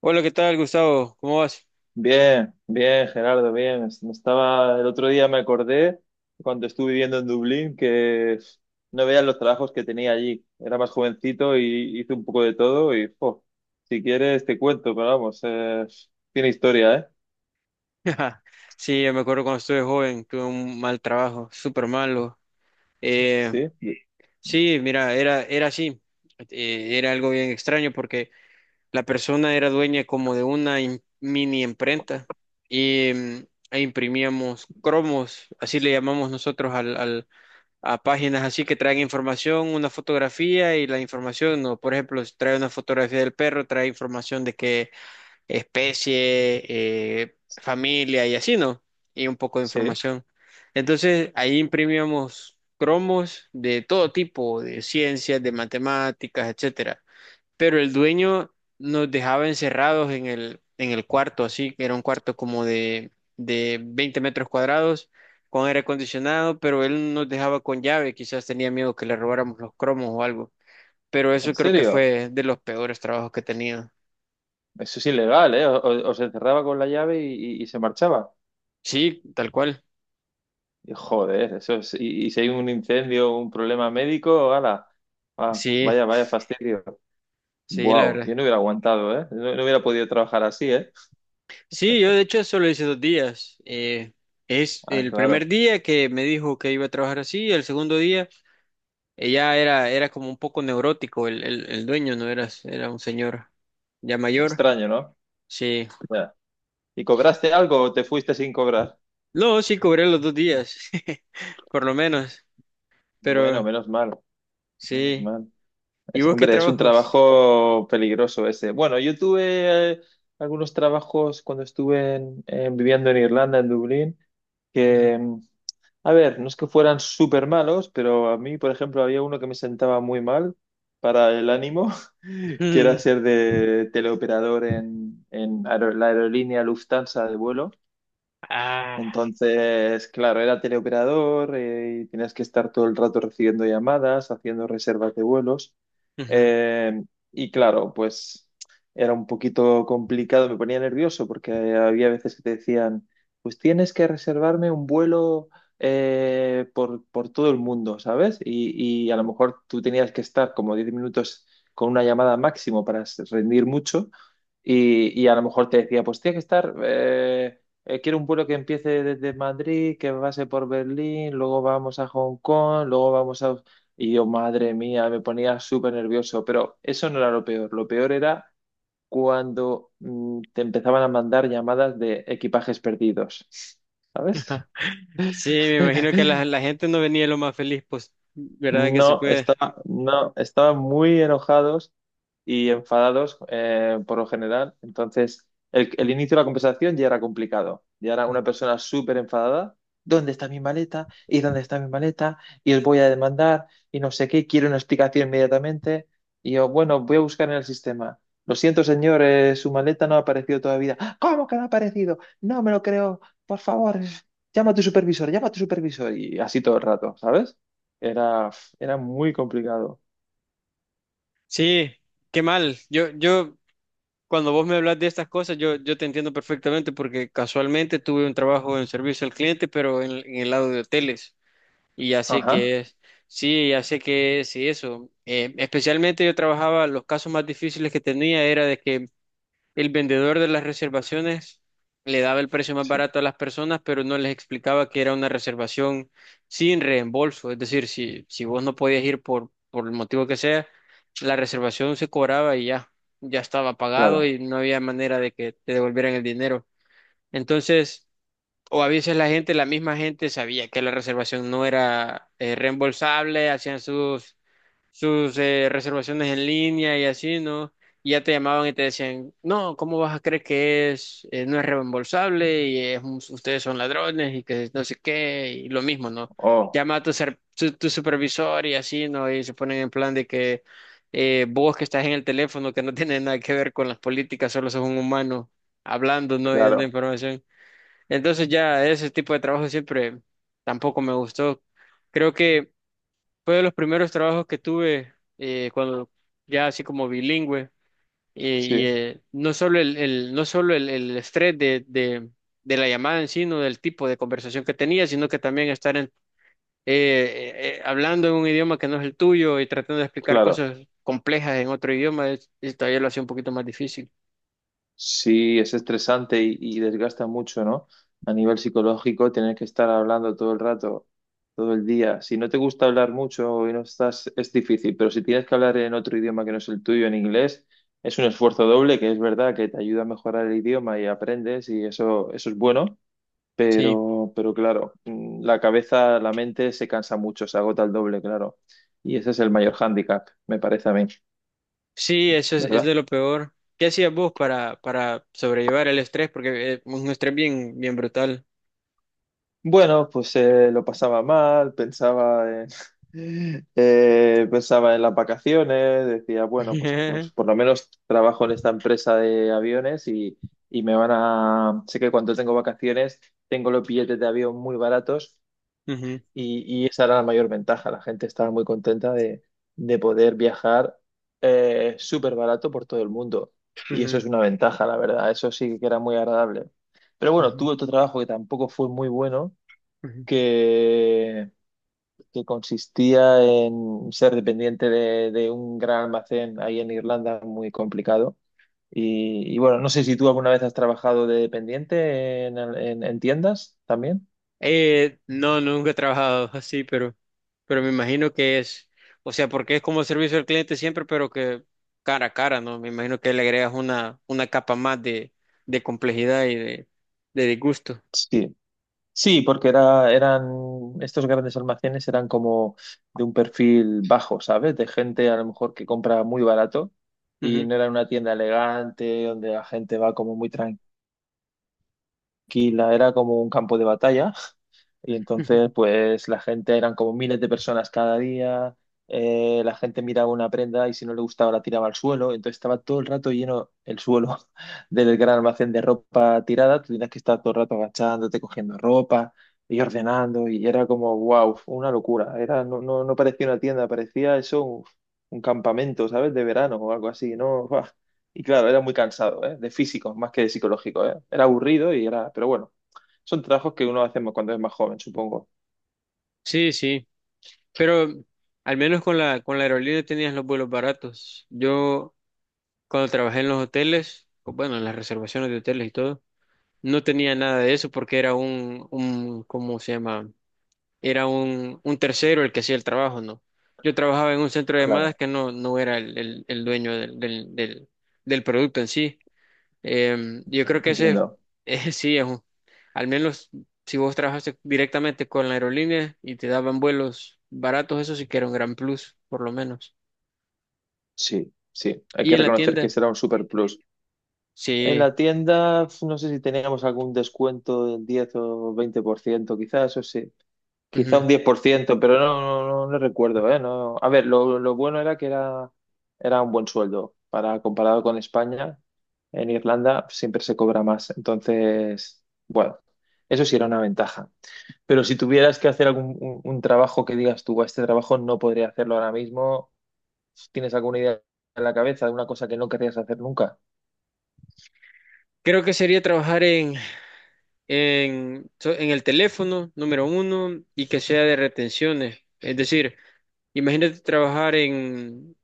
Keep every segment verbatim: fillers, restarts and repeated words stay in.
Hola, ¿qué tal, Gustavo? ¿Cómo vas? Bien, bien, Gerardo, bien. Es- me Estaba, el otro día me acordé, cuando estuve viviendo en Dublín, que no veía los trabajos que tenía allí. Era más jovencito y hice un poco de todo y, jo, si quieres te cuento, pero vamos, eh, tiene historia, ¿eh? Sí, yo me acuerdo cuando estuve joven, tuve un mal trabajo, súper malo. Eh, Sí, sí, sí, mira, era, era así. Eh, era algo bien extraño porque la persona era dueña como de una im- mini imprenta y mm, e imprimíamos cromos, así le llamamos nosotros al, al- a páginas así que traen información, una fotografía y la información, no, por ejemplo, si trae una fotografía del perro, trae información de que especie, eh, familia y así, ¿no? Y un poco de sí, información. Entonces, ahí imprimíamos cromos de todo tipo, de ciencias, de matemáticas, etcétera. Pero el dueño nos dejaba encerrados en el, en el cuarto, así, que era un cuarto como de, de veinte metros cuadrados, con aire acondicionado, pero él nos dejaba con llave, quizás tenía miedo que le robáramos los cromos o algo. Pero eso en creo que serio. fue de los peores trabajos que he tenido. Eso es ilegal, ¿eh? O- o- Os encerraba con la llave y, y- y se marchaba. Sí, tal cual. Y, joder, eso es, y, y si hay un incendio, un problema médico, ala, ah, Sí. vaya, vaya fastidio. Sí, la Wow, verdad. yo no hubiera aguantado, ¿eh? No, no hubiera podido trabajar así, ¿eh? Sí, yo de hecho solo hice dos días. Eh, es Ah, el primer claro. día que me dijo que iba a trabajar así, el segundo día ella era, era como un poco neurótico, el, el, el dueño no era, era un señor ya mayor. Extraño, ¿no? Sí. Ya. ¿Y cobraste algo o te fuiste sin cobrar? No, sí, cobré los dos días, por lo menos, Bueno, pero menos mal, menos sí. mal. ¿Y Es- vos qué hombre, es un trabajos? trabajo peligroso ese. Bueno, yo tuve eh, algunos trabajos cuando estuve en- en- viviendo en Irlanda, en Dublín, Ujú. que, mm, a ver, no es que fueran súper malos, pero a mí, por ejemplo, había uno que me sentaba muy mal para el ánimo. Quiero hacer de teleoperador en, en aer- la aerolínea Lufthansa de vuelo. Ah. Entonces, claro, era teleoperador eh, y tenías que estar todo el rato recibiendo llamadas, haciendo reservas de vuelos. Ujú. Eh, y claro, pues era un poquito complicado, me ponía nervioso porque había veces que te decían, pues tienes que reservarme un vuelo eh, por, por todo el mundo, ¿sabes? Y, y a lo mejor tú tenías que estar como diez minutos con una llamada máximo para rendir mucho, y, y a lo mejor te decía, pues tienes que estar... eh, eh, quiero un vuelo que empiece desde Madrid, que pase por Berlín, luego vamos a Hong Kong, luego vamos a... Y yo, madre mía, me ponía súper nervioso, pero eso no era lo peor. Lo peor era cuando mm, te empezaban a mandar llamadas de equipajes perdidos, ¿sabes? Sí, me imagino que la, la gente no venía lo más feliz, pues, ¿verdad que se No, puede? estaba, no, estaban muy enojados y enfadados eh, por lo general. Entonces, el, el inicio de la conversación ya era complicado. Ya era una persona súper enfadada. ¿Dónde está mi maleta? ¿Y dónde está mi maleta? Y os voy a demandar y no sé qué. Quiero una explicación inmediatamente. Y yo, bueno, voy a buscar en el sistema. Lo siento, señor, eh, su maleta no ha aparecido todavía. "Ah, ¿cómo que no ha aparecido? No me lo creo. Por favor, llama a tu supervisor, llama a tu supervisor." Y así todo el rato, ¿sabes? Era, era muy complicado. Sí, qué mal. Yo, yo, cuando vos me hablas de estas cosas, yo, yo te entiendo perfectamente porque casualmente tuve un trabajo en servicio al cliente, pero en, en el lado de hoteles. Y ya sé Ajá, que es, sí, ya sé que es y eso. Eh, especialmente yo trabajaba, los casos más difíciles que tenía era de que el vendedor de las reservaciones le daba el precio más sí, barato a las personas, pero no les explicaba que era una reservación sin reembolso. Es decir, si, si vos no podías ir por, por el motivo que sea, la reservación se cobraba y ya, ya estaba pagado claro. y no había manera de que te devolvieran el dinero. Entonces, o a veces la gente, la misma gente sabía que la reservación no era eh, reembolsable, hacían sus sus eh, reservaciones en línea y así, ¿no? Y ya te llamaban y te decían, no, ¿cómo vas a creer que es, eh, no es reembolsable y es un- ustedes son ladrones y que no sé qué, y lo mismo, ¿no? Oh, Llama a tu, ser- tu, tu supervisor y así, ¿no? Y se ponen en plan de que eh, vos que estás en el teléfono, que no tiene nada que ver con las políticas, solo sos un humano hablando, ¿no? Y dando claro, información. Entonces ya ese tipo de trabajo siempre tampoco me gustó. Creo que fue de los primeros trabajos que tuve eh, cuando ya así como bilingüe eh, y sí, eh, no solo el, el- no solo el, el estrés de, de, de la llamada en sí, no del tipo de conversación que tenía, sino que también estar en- eh, eh, eh, hablando en un idioma que no es el tuyo y tratando de explicar claro. cosas complejas en otro idioma, es- es todavía lo hacía un poquito más difícil. Sí, es estresante y, y desgasta mucho, ¿no? A nivel psicológico, tener que estar hablando todo el rato, todo el día. Si no te gusta hablar mucho y no estás, es difícil, pero si tienes que hablar en otro idioma que no es el tuyo, en inglés, es un esfuerzo doble, que es verdad que te ayuda a mejorar el idioma y aprendes y eso, eso es bueno. Sí, Pero, pero claro, mm, la cabeza, la mente se cansa mucho, se agota el doble, claro. Y ese es el mayor hándicap, me parece a mí, sí, eso es, es ¿verdad? de lo peor. ¿Qué hacías vos para, para sobrellevar el estrés? Porque es un estrés bien, bien brutal. Bueno, pues eh, lo pasaba mal, pensaba en, eh, pensaba en las vacaciones, decía, bueno, pues, pues por lo menos trabajo en esta empresa de aviones y, y me van a... Sé que cuando tengo vacaciones tengo los billetes de avión muy baratos. Ujú, Y, y esa era la mayor ventaja. La gente estaba muy contenta de, de poder viajar eh, súper barato por todo el mundo. Y eso es ujú, una ventaja, la verdad. Eso sí que era muy agradable. Pero bueno, ujú. tuve otro trabajo que tampoco fue muy bueno, Ujú. que, que consistía en ser dependiente de, de un gran almacén ahí en Irlanda, muy complicado. Y, y bueno, no sé si tú alguna vez has trabajado de dependiente en, en en tiendas también. Eh, no, nunca he trabajado así, pero, pero me imagino que es, o sea, porque es como servicio al cliente siempre, pero que cara a cara, ¿no? Me imagino que le agregas una, una capa más de, de complejidad y de, de disgusto. Sí. Sí, porque era, eran, estos grandes almacenes eran como de un perfil bajo, ¿sabes? De gente a lo mejor que compra muy barato, y Ujú. no era una tienda elegante donde la gente va como muy tranquila, tranquila; era como un campo de batalla. Y Ujú. entonces, pues la gente eran como miles de personas cada día. eh, la gente miraba una prenda y si no le gustaba la tiraba al suelo. Entonces estaba todo el rato lleno el suelo del gran almacén de ropa tirada. Tú tenías que estar todo el rato agachándote, cogiendo ropa y ordenando. Y era como, wow, una locura. Era, no, no, no parecía una tienda, parecía eso un, un campamento, ¿sabes? De verano o algo así, ¿no? Y claro, era muy cansado, ¿eh? De físico, más que de psicológico, ¿eh? Era aburrido y era... Pero bueno, son trabajos que uno hace cuando es más joven, supongo. Sí, sí, pero al menos con la, con la aerolínea tenías los vuelos baratos. Yo cuando trabajé en los hoteles, o bueno, en las reservaciones de hoteles y todo, no tenía nada de eso porque era un, un, ¿cómo se llama? Era un, un tercero el que hacía el trabajo, ¿no? Yo trabajaba en un centro de llamadas Claro, que no, no era el, el- el dueño del, del, del- del producto en sí. Eh, yo creo que ese entiendo. eh, sí es un- al menos si vos trabajaste directamente con la aerolínea y te daban vuelos baratos, eso sí que era un gran plus, por lo menos. Sí, sí. Hay Y que en la reconocer que tienda, será un super plus. En sí. la tienda, no sé si teníamos algún descuento del diez o veinte por ciento quizás, o sí. Quizá Ujú. un diez por ciento, pero no, no, no, no recuerdo, ¿eh? No, a ver, lo, lo bueno era que era, era un buen sueldo. Para comparado con España, en Irlanda siempre se cobra más. Entonces, bueno, eso sí era una ventaja. Pero si tuvieras que hacer algún un, un trabajo que digas tú, "Buah, este trabajo no podría hacerlo ahora mismo", ¿tienes alguna idea en la cabeza de una cosa que no querrías hacer nunca? Creo que sería trabajar en, en, so- en el teléfono, número uno, y que sea de retenciones. Es decir, imagínate trabajar en,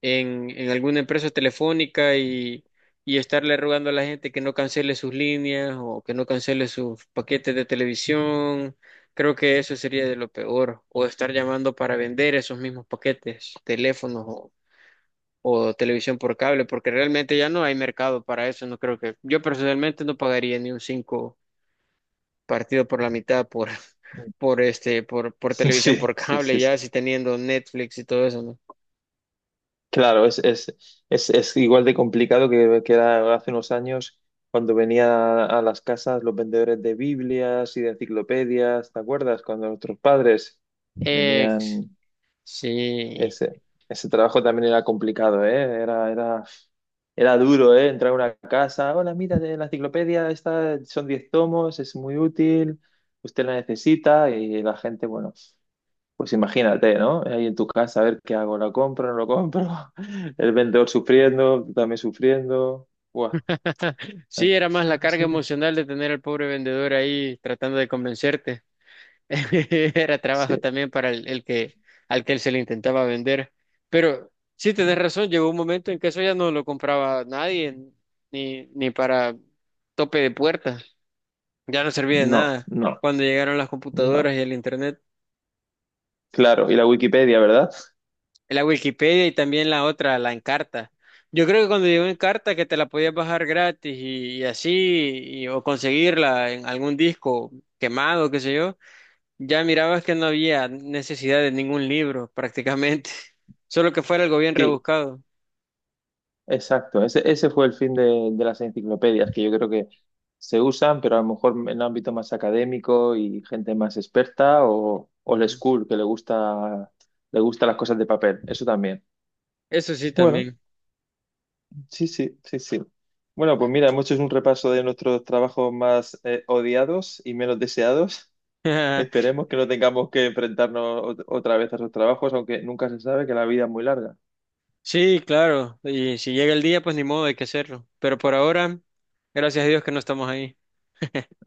en, en alguna empresa telefónica y, y estarle rogando a la gente que no cancele sus líneas o que no cancele sus paquetes de televisión. Creo que eso sería de lo peor. O estar llamando para vender esos mismos paquetes, teléfonos o, o televisión por cable, porque realmente ya no hay mercado para eso. No creo que, yo personalmente no pagaría ni un cinco partido por la mitad por, por este, por, por Sí, televisión por sí, sí. cable, ya si teniendo Netflix y todo eso, ¿no? Claro, es, es, es, es igual de complicado que, que era hace unos años cuando venía a las casas los vendedores de Biblias y de enciclopedias, ¿te acuerdas? Cuando nuestros padres Ex, venían, sí. ese, ese trabajo también era complicado, ¿eh? Era, era, era duro, ¿eh? Entrar a una casa, hola, mira, de la enciclopedia, esta son diez tomos, es muy útil, usted la necesita y la gente, bueno. Pues imagínate, ¿no? Ahí en tu casa, a ver qué hago, ¿la compro, no lo compro? El vendedor sufriendo, tú también sufriendo. Buah. Sí, era más la carga Sí, emocional de tener al pobre vendedor ahí tratando de convencerte. Era sí. trabajo también para el, el que al que él se le intentaba vender. Pero sí, tenés razón, llegó un momento en que eso ya no lo compraba nadie, ni, ni para tope de puerta. Ya no servía de No, nada no, cuando llegaron las no. computadoras y el internet. Claro, y la Wikipedia, ¿verdad? La Wikipedia y también la otra, la Encarta. Yo creo que cuando llegó Encarta que te la podías bajar gratis y, y así, y- o conseguirla en algún disco quemado, qué sé yo, ya mirabas que no había necesidad de ningún libro prácticamente, solo que fuera algo bien Sí, rebuscado. exacto. Ese, ese fue el fin de, de las enciclopedias, que yo creo que se usan, pero a lo mejor en el ámbito más académico y gente más experta o old Ujú. school, que le gusta, le gusta las cosas de papel. Eso también. Eso sí Bueno. también. Sí, sí, sí, sí. Bueno, pues mira, hemos hecho un repaso de nuestros trabajos más eh, odiados y menos deseados. Esperemos que no tengamos que enfrentarnos ot- otra vez a esos trabajos, aunque nunca se sabe que la vida es muy larga. Sí, claro, y si llega el día, pues ni modo, hay que hacerlo. Pero por ahora, gracias a Dios que no estamos ahí.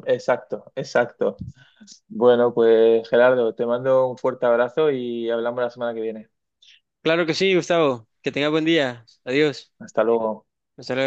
Exacto, exacto. Bueno, pues Gerardo, te mando un fuerte abrazo y hablamos la semana que viene. Claro que sí, Gustavo, que tengas buen día. Adiós. Hasta luego. Hasta luego.